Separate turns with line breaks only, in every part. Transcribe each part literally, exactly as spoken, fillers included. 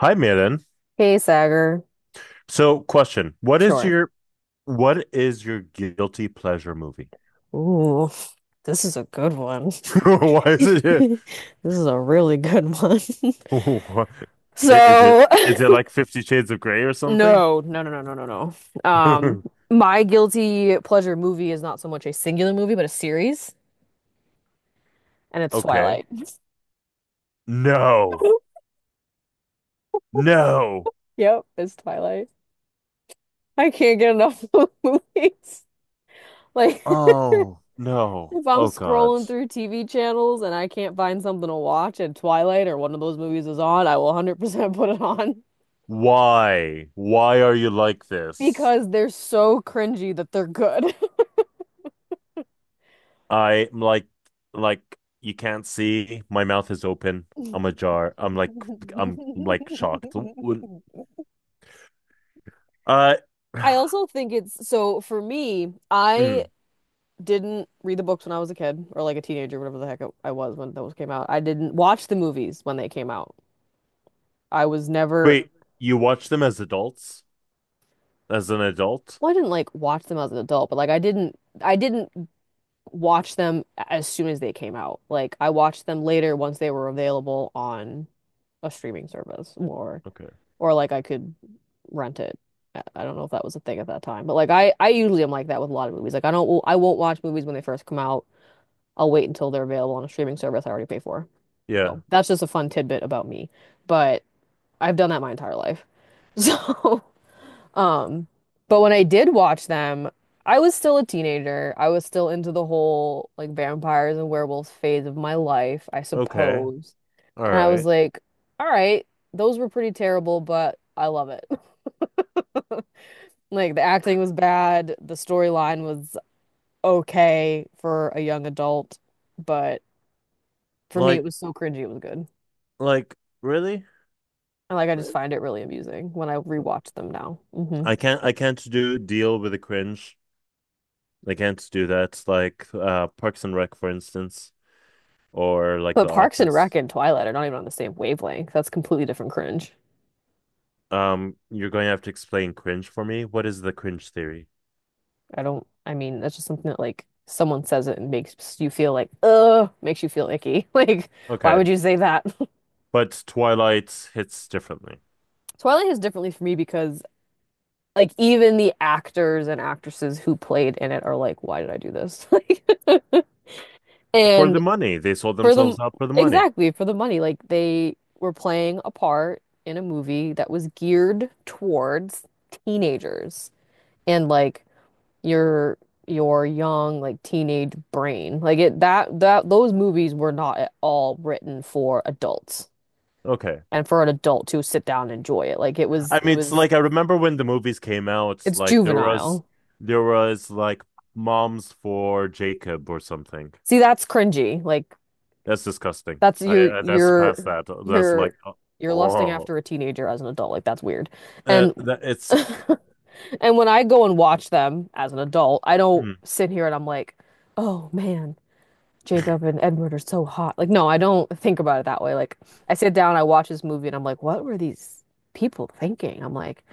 Hi, Miren.
Hey, Sagar.
So, question: What is
Sure.
your what is your guilty pleasure movie?
Ooh, this is a good one.
Why is it?
This is a really good one.
Why- i- Is it
So,
is it like Fifty Shades of Grey or something?
no, no, no, no, no, no, no. Um, my guilty pleasure movie is not so much a singular movie, but a series, and it's
Okay.
Twilight.
No. No.
Yep, it's Twilight. I can't get enough of movies. Like,
Oh, no.
if I'm
Oh God.
scrolling through T V channels and I can't find something to watch, and Twilight or one of those movies is on, I will one hundred percent put it on.
Why? Why are you like this?
Because they're so cringy that they're good.
I'm like like you can't see. My mouth is open. I'm ajar. I'm like I'm like shocked. Uh
I also think it's so for me, I
mm.
didn't read the books when I was a kid or like a teenager, whatever the heck I was when those came out. I didn't watch the movies when they came out. I was never,
Wait, you watch them as adults? As an adult?
well, I didn't like watch them as an adult, but like I didn't, I didn't watch them as soon as they came out. Like I watched them later once they were available on a streaming service or
Okay.
or like I could rent it. I I don't know if that was a thing at that time, but like I I usually am like that with a lot of movies. Like I don't I won't watch movies when they first come out. I'll wait until they're available on a streaming service I already pay for.
Yeah.
So that's just a fun tidbit about me. But I've done that my entire life. So, um, but when I did watch them, I was still a teenager. I was still into the whole like vampires and werewolves phase of my life, I
Okay.
suppose.
All
And I was
right.
like, all right, those were pretty terrible, but I love it. Like the acting was bad, the storyline was okay for a young adult, but for me it
Like,
was so cringy it was good.
like, really?
And like I just
Really?
find it really amusing when I rewatch them now. hmm
I can't, I can't do deal with the cringe. I can't do that. Like, uh, Parks and Rec, for instance, or like
But
The
Parks and Rec
Office.
and Twilight are not even on the same wavelength. That's completely different cringe.
Um, you're going to have to explain cringe for me. What is the cringe theory?
I don't, I mean, that's just something that like someone says it and makes you feel like, ugh, makes you feel icky. Like, why
Okay.
would you say that?
But Twilight hits differently.
Twilight is differently for me because like even the actors and actresses who played in it are like, why did I do this? Like
For
And
the money. They sold
for the
themselves out for the money.
exactly for the money, like they were playing a part in a movie that was geared towards teenagers and like your your young like teenage brain. Like it that that those movies were not at all written for adults
Okay.
and for an adult to sit down and enjoy it. Like it was
I
it
mean, it's
was
like I remember when the movies came out,
it's
like there was
juvenile.
there was like moms for Jacob or something.
See, that's cringy. Like
That's disgusting.
That's
I,
you're
I that's
you're
past that. That's
you're
like uh,
you're lusting
oh,
after a teenager as an adult. Like that's weird.
uh,
And
that it's sick.
and when I go and watch them as an adult, I don't
Hmm.
sit here and I'm like, "Oh man, Jacob and Edward are so hot." Like no, I don't think about it that way. Like I sit down, I watch this movie and I'm like, "What were these people thinking?" I'm like,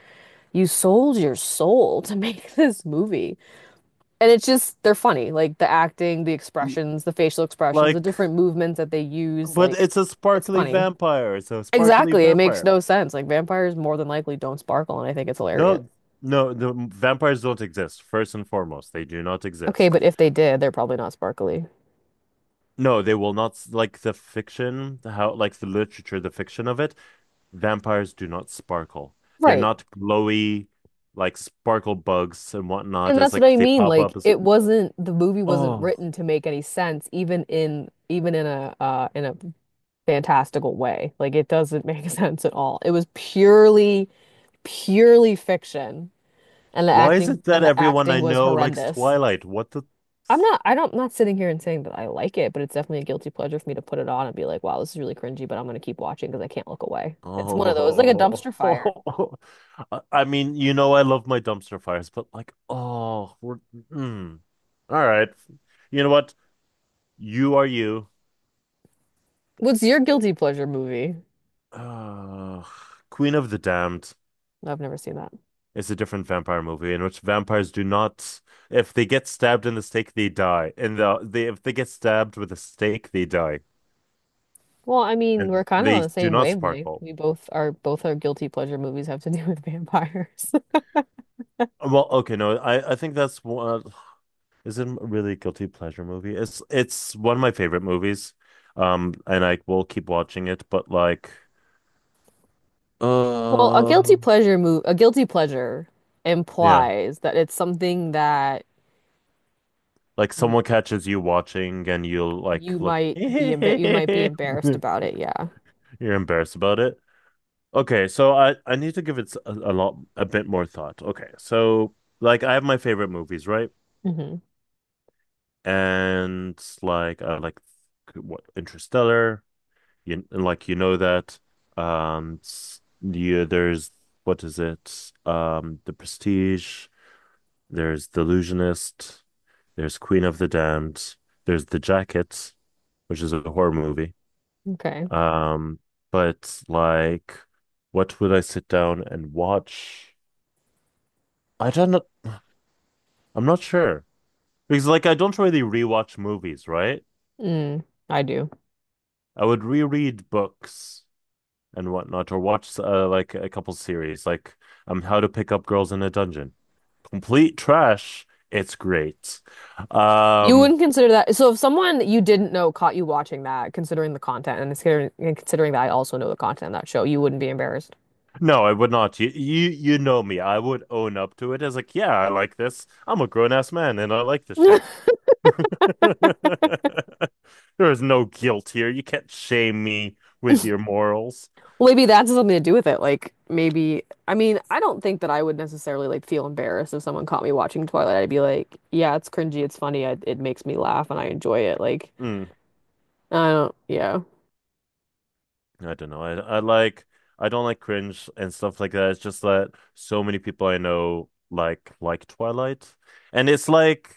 "You sold your soul to make this movie." And it's just they're funny. Like the acting, the
Y-
expressions, the facial expressions, the
Like,
different movements that they use,
but
like
it's a
it's
sparkly
funny.
vampire. It's a sparkly
Exactly. It makes
vampire.
no sense. Like vampires more than likely don't sparkle, and I think it's hilarious.
No, no, the vampires don't exist. First and foremost, they do not
Okay,
exist.
but if they did, they're probably not sparkly.
No, they will not s- like the fiction, how like the literature, the fiction of it. Vampires do not sparkle. They're
Right.
not glowy, like sparkle bugs and whatnot.
And
It's
that's what
like
I
they
mean.
pop
Like
up as,
it wasn't the movie wasn't
oh,
written to make any sense, even in even in a uh in a fantastical way. Like it doesn't make sense at all. It was purely, purely fiction. And the
why is
acting
it that
and the
everyone I
acting was
know likes
horrendous.
Twilight? What the?
I'm not, I don't, not sitting here and saying that I like it, but it's definitely a guilty pleasure for me to put it on and be like, wow, this is really cringy, but I'm gonna keep watching because I can't look away. It's one of those, like a
Oh,
dumpster fire.
I I mean, you know, I love my dumpster fires, but like, oh, we're, mm. All right. You know what? You are you.
What's your guilty pleasure movie?
Uh, Queen of the Damned.
No, I've never seen that.
It's a different vampire movie in which vampires do not, if they get stabbed in the stake, they die. And the they if they get stabbed with a stake, they die,
Well, I mean, we're
and
kind of on
they
the
do
same
not
wavelength.
sparkle.
We both are, both our guilty pleasure movies have to do with vampires.
Well, okay, no, I I think that's what is it. Really guilty pleasure movie? It's it's one of my favorite movies, um, and I will keep watching it. But like,
Well, a guilty
uh,
pleasure move, a guilty pleasure
yeah,
implies that it's something that
like
y-
someone catches you watching, and you'll like
you
look,
might be embar you might be
you're
embarrassed about it. Yeah.
embarrassed about it. Okay, so I I need to give it a a lot a bit more thought. Okay, so like I have my favorite movies, right?
hmm
And like uh, like what Interstellar, you and, like you know that. Um, s- yeah, there's what is it? Um, The Prestige. There's The Illusionist. There's Queen of the Damned. There's The Jacket, which is a horror movie.
Okay.
Um, but like, what would I sit down and watch? I don't know. I'm not sure because like I don't really rewatch movies, right?
Mm, I do.
I would reread books and whatnot, or watch uh, like a couple series, like um How to Pick Up Girls in a Dungeon. Complete trash. It's great.
You
Um,
wouldn't consider that. So if someone you didn't know caught you watching that, considering the content and considering, and considering that I also know the content of that show, you wouldn't be embarrassed.
no, I would not. You you you know me. I would own up to it as like, yeah, I like this. I'm a grown ass man and I like this shit. There is no guilt here. You can't shame me with your morals.
Well, maybe that's something to do with it. Like maybe, I mean, I don't think that I would necessarily like feel embarrassed if someone caught me watching Twilight. I'd be like, yeah, it's cringy, it's funny, I, it makes me laugh and I enjoy it. Like,
Mm.
I don't, yeah.
I don't know. I I like I don't like cringe and stuff like that. It's just that so many people I know like like Twilight. And it's like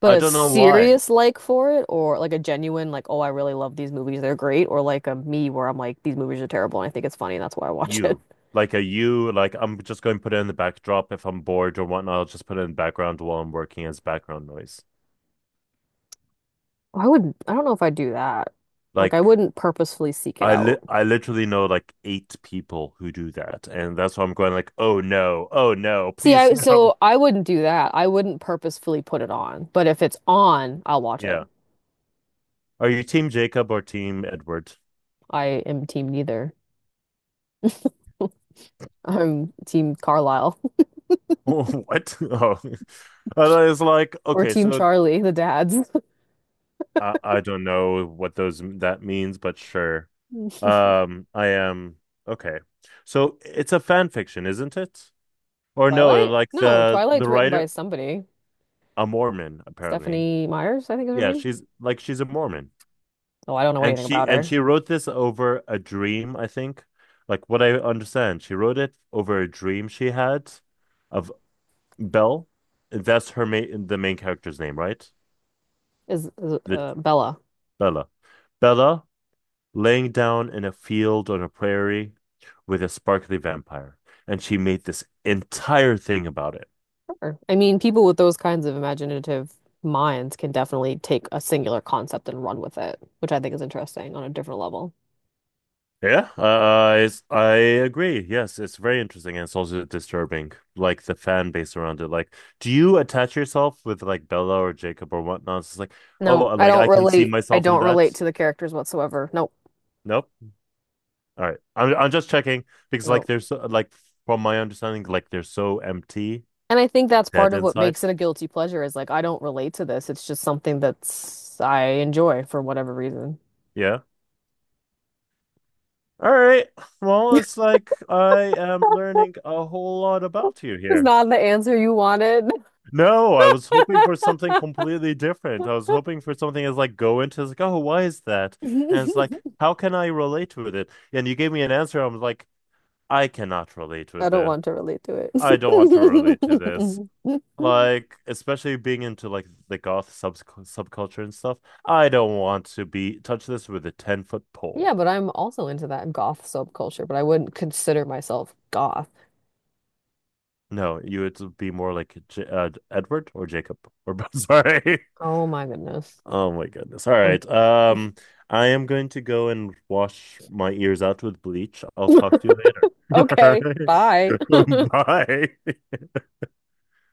But
I
a
don't know why.
serious like for it, or like a genuine like, oh, I really love these movies, they're great, or like a me where I'm like, these movies are terrible and I think it's funny and that's why I watch it.
You. Like a you, like I'm just going to put it in the backdrop if I'm bored or whatnot, I'll just put it in the background while I'm working as background noise.
I would, I don't know if I'd do that. Like, I
Like
wouldn't purposefully seek it
I li
out.
I literally know like eight people who do that. And that's why I'm going like, oh no, oh no,
See,
please
I,
no.
so I wouldn't do that. I wouldn't purposefully put it on. But if it's on, I'll watch it.
Yeah. Are you team Jacob or team Edward?
I am team neither. I'm team Carlisle
What? Oh, I thought it was like,
or
okay,
team
so
Charlie, the dads.
I, I don't know what those that means, but sure. Um, I am okay. So it's a fan fiction, isn't it? Or no,
Twilight?
like
No,
the
Twilight's
the
written by
writer,
somebody.
a Mormon, apparently.
Stephanie Myers, I think is her
Yeah,
name.
she's like she's a Mormon.
Oh, I don't know
And
anything
she
about
and
her.
she wrote this over a dream, I think. Like what I understand, she wrote it over a dream she had of Belle. That's her main the main character's name, right?
Is, is
The
uh, Bella.
Bella. Bella laying down in a field on a prairie with a sparkly vampire, and she made this entire thing about it.
Sure. I mean, people with those kinds of imaginative minds can definitely take a singular concept and run with it, which I think is interesting on a different level.
Yeah, uh, it's, I agree. Yes, it's very interesting and it's also disturbing, like the fan base around it. Like, do you attach yourself with like Bella or Jacob or whatnot? It's like,
No,
oh,
I
like
don't
I can see
relate. I
myself in
don't
that.
relate to the characters whatsoever. Nope.
Nope. All right, I'm I'm just checking because like
Nope.
there's so, like from my understanding, like they're so empty,
And I think that's part
dead
of what
inside.
makes it a guilty pleasure is like I don't relate to this. It's just something that's I enjoy for whatever reason.
Yeah. All right. Well, it's like I am learning a whole lot about you
It's
here.
not the answer you wanted.
No, I was hoping for something completely different. I was hoping for something that's like go into it's like, oh, why is that? And it's like, how can I relate with it? And you gave me an answer. I'm like, I cannot relate
I
with
don't
it.
want to relate to it.
I don't want to relate to this. Like, especially being into like the goth sub subculture and stuff. I don't want to be touch this with a ten foot pole.
Yeah, but I'm also into that goth subculture, but I wouldn't consider myself goth.
No, you would be more like J uh, Edward or Jacob or Sorry.
Oh my goodness.
Oh my goodness. All
I'm
right. Um, I am going to go and wash my ears out with bleach. I'll talk to you later.
okay, bye.
All right. Bye.